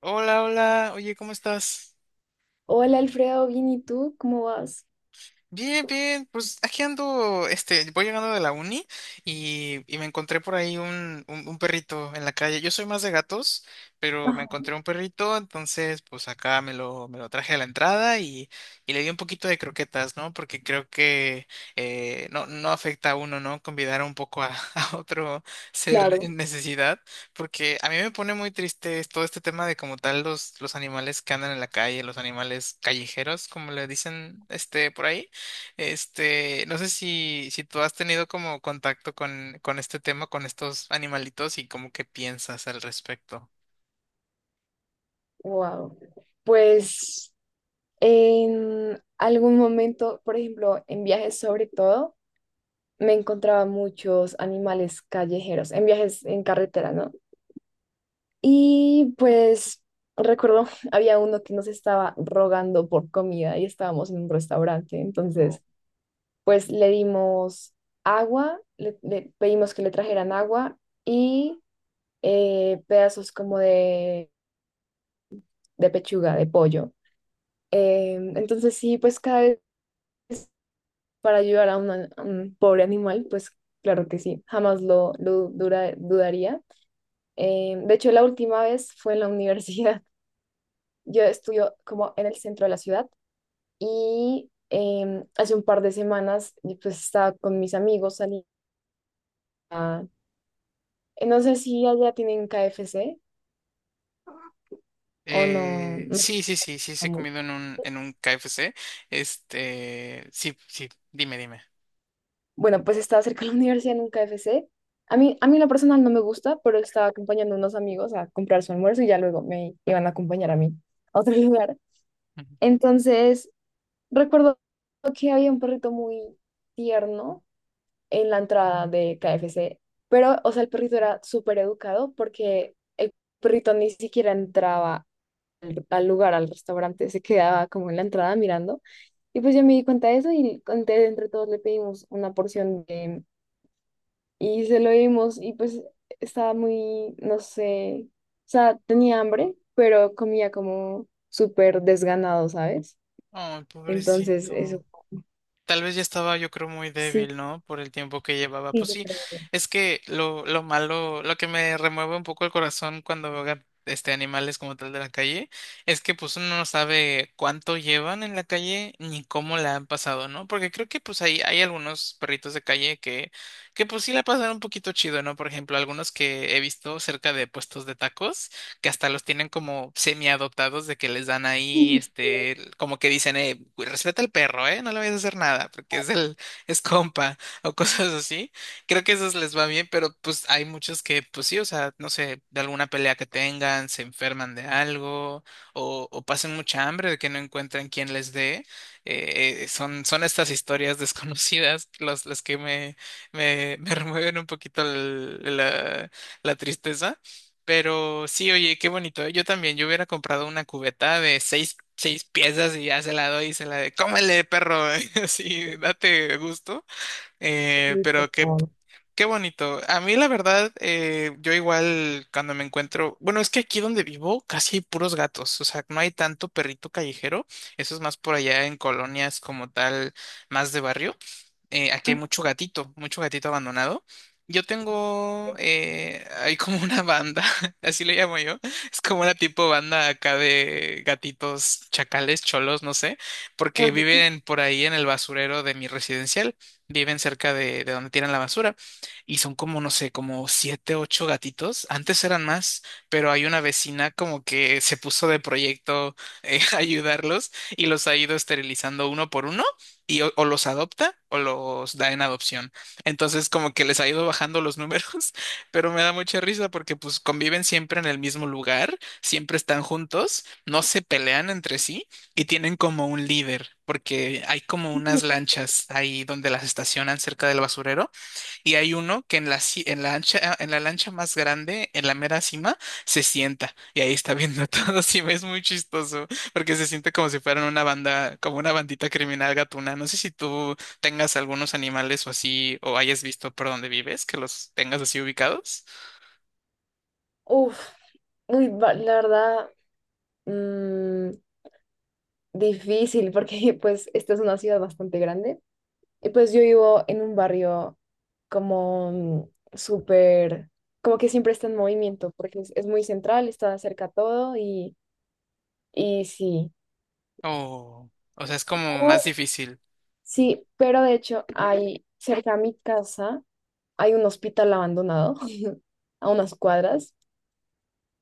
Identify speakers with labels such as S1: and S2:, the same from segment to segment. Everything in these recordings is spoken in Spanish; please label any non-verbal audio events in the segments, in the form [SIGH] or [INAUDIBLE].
S1: Hola, hola, oye, ¿cómo estás?
S2: Hola Alfredo, bien, ¿y tú? ¿Cómo vas?
S1: Bien, bien, pues aquí ando, voy llegando de la uni y me encontré por ahí un perrito en la calle. Yo soy más de gatos, pero me
S2: Ajá.
S1: encontré un perrito, entonces pues acá me lo traje a la entrada y le di un poquito de croquetas, ¿no? Porque creo que no, no afecta a uno, ¿no? Convidar un poco a, [LAUGHS] a otro ser
S2: Claro.
S1: en necesidad, porque a mí me pone muy triste es todo este tema de como tal los animales que andan en la calle, los animales callejeros, como le dicen, este, por ahí. Este, no sé si tú has tenido como contacto con este tema, con estos animalitos y como qué piensas al respecto.
S2: Wow. Pues en algún momento, por ejemplo, en viajes sobre todo, me encontraba muchos animales callejeros, en viajes en carretera, ¿no? Y pues recuerdo, [LAUGHS] había uno que nos estaba rogando por comida y estábamos en un restaurante,
S1: Oh.
S2: entonces pues le dimos agua, le pedimos que le trajeran agua y pedazos como de pechuga, de pollo. Entonces sí, pues cada vez para ayudar a, a un pobre animal, pues claro que sí, jamás lo dudaría. De hecho, la última vez fue en la universidad. [LAUGHS] Yo estudio como en el centro de la ciudad y hace un par de semanas y pues estaba con mis amigos, salí a... No sé si allá tienen KFC o no.
S1: Eh,
S2: No.
S1: sí, sí, sí, sí, sí he comido en en un KFC. Este, sí, sí, dime, dime.
S2: Bueno, pues estaba cerca de la [LAUGHS] universidad en un KFC. A mí en lo personal no me gusta, pero estaba acompañando a unos amigos a comprar su almuerzo y ya luego me iban a acompañar a mí a otro [LAUGHS] lugar.
S1: Ujú.
S2: Entonces, recuerdo que había un perrito muy tierno en la entrada de KFC, pero, o sea, el perrito era súper educado porque el perrito ni siquiera entraba al, al lugar, al restaurante, se quedaba como en la entrada mirando. Y pues yo me di cuenta de eso y entre todos le pedimos una porción de y se lo dimos y pues estaba muy, no sé, o sea, tenía hambre, pero comía como súper desganado, ¿sabes?
S1: Ay,
S2: Entonces, eso
S1: pobrecito. Tal vez ya estaba, yo creo, muy
S2: sí.
S1: débil, ¿no? Por el tiempo que llevaba.
S2: Sí,
S1: Pues
S2: yo
S1: sí,
S2: creo.
S1: es que lo malo, lo que me remueve un poco el corazón cuando veo este animales como tal de la calle, es que pues uno no sabe cuánto llevan en la calle ni cómo la han pasado, ¿no? Porque creo que pues hay algunos perritos de calle que pues sí la pasan un poquito chido, ¿no? Por ejemplo, algunos que he visto cerca de puestos de tacos que hasta los tienen como semi-adoptados de que les dan ahí,
S2: Mm.
S1: este, como que dicen, "Güey, respeta al perro, no le vayas a hacer nada, porque es el, es compa", [LAUGHS] o cosas así. Creo que esos les va bien, pero pues hay muchos que, pues sí, o sea, no sé, de alguna pelea que tengan, se enferman de algo, o pasen mucha hambre de que no encuentran quien les dé. Son estas historias [LAUGHS] desconocidas las que [LAUGHS] me remueven un poquito la tristeza. Pero sí, oye, qué bonito, ¿eh? Yo también, yo hubiera comprado una cubeta de seis piezas y ya se la doy y se la de, cómele, perro, [LAUGHS] así, date gusto. Eh,
S2: Sí, por
S1: pero qué,
S2: favor.
S1: qué bonito. A mí, la verdad, yo igual cuando me encuentro, bueno, es que aquí donde vivo casi hay puros gatos, o sea, no hay tanto perrito callejero. Eso es más por allá en colonias como tal, más de barrio. Eh, aquí hay
S2: Ah.
S1: mucho gatito abandonado. Yo tengo, hay como una banda, [LAUGHS] así le llamo yo, es como una tipo banda acá de gatitos, chacales, cholos, no sé, porque
S2: Ajá.
S1: viven por ahí en el basurero de mi residencial, viven cerca de donde tiran la basura y son como, no sé, como siete, ocho gatitos, antes eran más, pero hay una vecina como que se puso de proyecto, [LAUGHS] ayudarlos, y los ha ido esterilizando uno por uno y o los adopta o los da en adopción. Entonces como que les ha ido bajando los números, [LAUGHS] pero me da mucha risa porque pues conviven siempre en el mismo lugar, siempre están juntos, no se pelean entre sí y tienen como un líder, porque hay como unas lanchas ahí donde las estacionan cerca del basurero y hay uno que en la lancha más grande, en la mera cima, se sienta y ahí está viendo [LAUGHS] todo. Sí, es muy chistoso porque se siente como si fueran una banda, como una bandita criminal gatuna. No sé si tú tengas algunos animales o así, o hayas visto por donde vives, que los tengas así ubicados.
S2: Uf, uy, la verdad, mm, difícil porque [LAUGHS] pues esta es una ciudad bastante grande. Y pues yo vivo en un barrio como súper, como que siempre está en movimiento, porque es muy central, está cerca todo y sí.
S1: O sea, es como más
S2: Pero...
S1: difícil.
S2: Sí, pero de hecho hay cerca a mi casa, hay un hospital abandonado [LAUGHS] a unas cuadras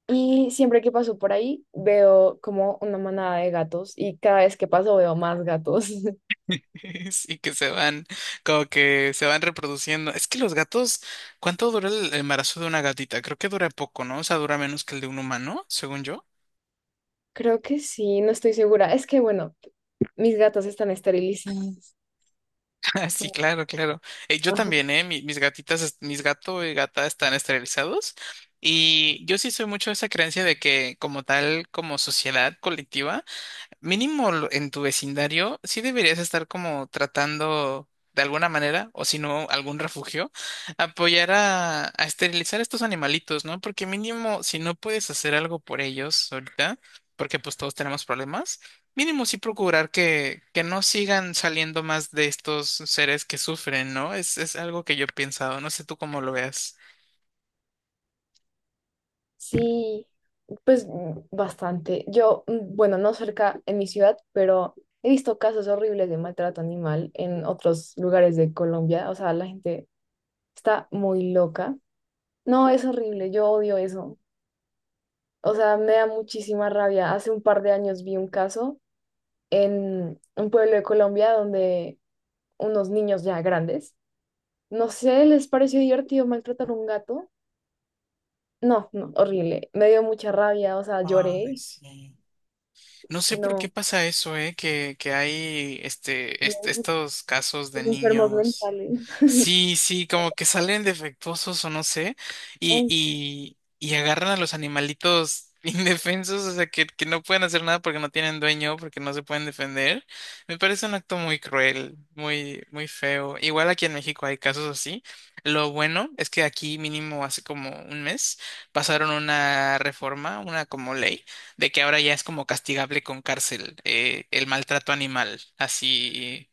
S2: y siempre que paso por ahí veo como una manada de gatos y cada vez que paso veo más gatos. [LAUGHS]
S1: [LAUGHS] Sí, que se van, como que se van reproduciendo. Es que los gatos, ¿cuánto dura el embarazo de una gatita? Creo que dura poco, ¿no? O sea, dura menos que el de un humano, según yo.
S2: Creo que sí, no estoy segura. Es que bueno, mis gatos están esterilizados.
S1: [LAUGHS] Ah, sí, claro, claro. Yo también,
S2: [LAUGHS]
S1: ¿eh? Mis gatitas, mis gato y gata están esterilizados. Y yo sí soy mucho de esa creencia de que como tal, como sociedad colectiva, mínimo en tu vecindario, sí deberías estar como tratando de alguna manera, o si no, algún refugio, apoyar a esterilizar estos animalitos, ¿no? Porque mínimo, si no puedes hacer algo por ellos ahorita, porque pues todos tenemos problemas, mínimo sí procurar que no sigan saliendo más de estos seres que sufren, ¿no? Es algo que yo he pensado, no sé tú cómo lo veas.
S2: Sí, pues bastante. Yo, bueno, no cerca en mi ciudad, pero he visto casos horribles de maltrato animal en otros lugares de Colombia. O sea, la gente está muy loca. No, es horrible, yo odio eso. O sea, me da muchísima rabia. Hace un par de años vi un caso en un pueblo de Colombia donde unos niños ya grandes, no sé, les pareció divertido maltratar a un gato. No, no, horrible. Me dio mucha rabia, o sea,
S1: Ay,
S2: lloré.
S1: sí. No sé por qué
S2: No,
S1: pasa eso, ¿eh? Que hay
S2: no.
S1: estos casos de
S2: Enfermos
S1: niños.
S2: mentales.
S1: Sí, sí, como que salen defectuosos o no sé,
S2: Ay, sí.
S1: y agarran a los animalitos [LAUGHS] indefensos, o sea, que no pueden hacer nada porque no tienen dueño, porque no se pueden defender. Me parece un acto muy cruel, muy, muy feo. Igual aquí en México hay casos así. Lo bueno es que aquí mínimo hace como un mes pasaron una reforma, una como ley de que ahora ya es como castigable con cárcel, el maltrato animal, así,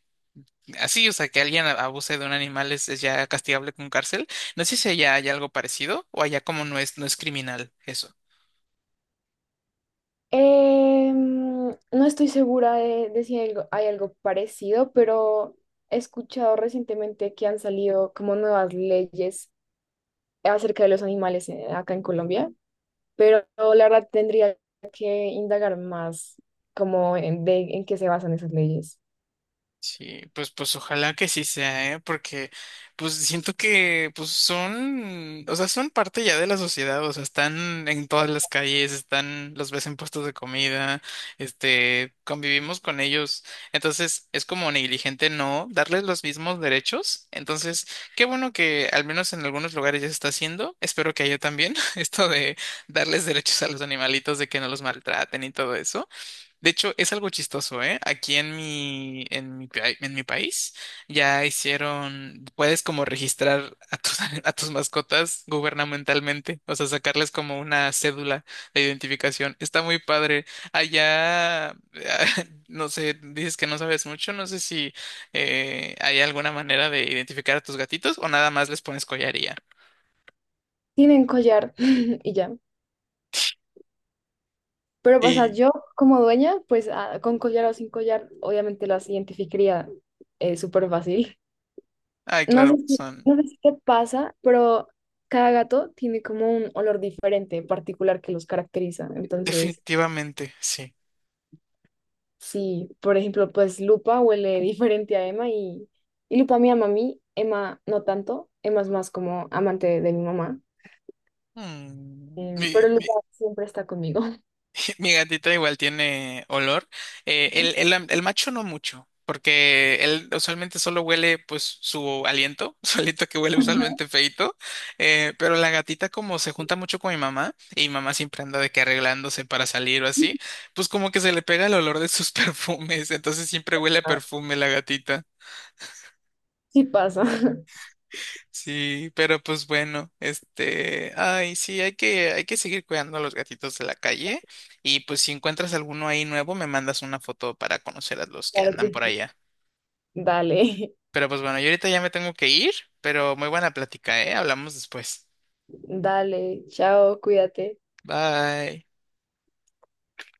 S1: así, o sea, que alguien abuse de un animal es ya castigable con cárcel. No sé si allá hay algo parecido o allá como no es, no es criminal eso.
S2: No estoy segura de si hay algo, hay algo parecido, pero he escuchado recientemente que han salido como nuevas leyes acerca de los animales acá en Colombia, pero la verdad tendría que indagar más como en, de, en qué se basan esas leyes.
S1: Sí, pues, pues ojalá que sí sea, ¿eh? Porque pues siento que pues son, o sea, son parte ya de la sociedad, o sea, están en todas las calles, están, los ves en puestos de comida, este, convivimos con ellos. Entonces, es como negligente no darles los mismos derechos. Entonces, qué bueno que al menos en algunos lugares ya se está haciendo. Espero que haya también [LAUGHS] esto de darles derechos a los animalitos, de que no los maltraten y todo eso. De hecho, es algo chistoso, ¿eh? Aquí en en mi país ya hicieron, puedes como registrar a tus, [LAUGHS] a tus mascotas gubernamentalmente, o sea, sacarles como una cédula de identificación. Está muy padre. Allá, [LAUGHS] no sé, dices que no sabes mucho, no sé si, hay alguna manera de identificar a tus gatitos o nada más les pones collaría.
S2: Tienen collar [LAUGHS] y ya. Pero, o sea,
S1: Y,
S2: yo como dueña, pues ah, con collar o sin collar, obviamente las identificaría súper fácil.
S1: ay,
S2: No sé
S1: claro,
S2: si,
S1: son
S2: no sé si te pasa, pero cada gato tiene como un olor diferente, en particular que los caracteriza. Entonces,
S1: definitivamente, sí.
S2: sí, por ejemplo, pues Lupa huele [LAUGHS] diferente a Emma y Lupa me ama a mí, Emma no tanto, Emma es más como amante de mi mamá,
S1: Mm, mi-
S2: pero Lupa siempre está conmigo.
S1: [LAUGHS] Mi gatita igual tiene olor. El macho no mucho, porque él usualmente solo huele pues su aliento, [LAUGHS] su aliento que huele usualmente feito. Pero la gatita como se junta mucho con mi mamá y mi mamá siempre anda de que arreglándose para salir o así,
S2: [LAUGHS]
S1: pues como que se le pega el olor de sus [LAUGHS] perfumes, entonces siempre huele a
S2: Ah.
S1: perfume la gatita.
S2: Sí pasa. [LAUGHS]
S1: Sí, pero pues bueno, este, ay, sí, hay que seguir cuidando a los gatitos de la calle y pues si encuentras alguno ahí nuevo, me mandas una foto para conocer a los que
S2: Claro
S1: andan
S2: que
S1: por
S2: sí.
S1: allá.
S2: Dale.
S1: Pero pues bueno, yo ahorita ya me tengo que ir, pero muy buena plática, ¿eh? Hablamos después.
S2: [LAUGHS] Dale, chao, cuídate.
S1: Bye.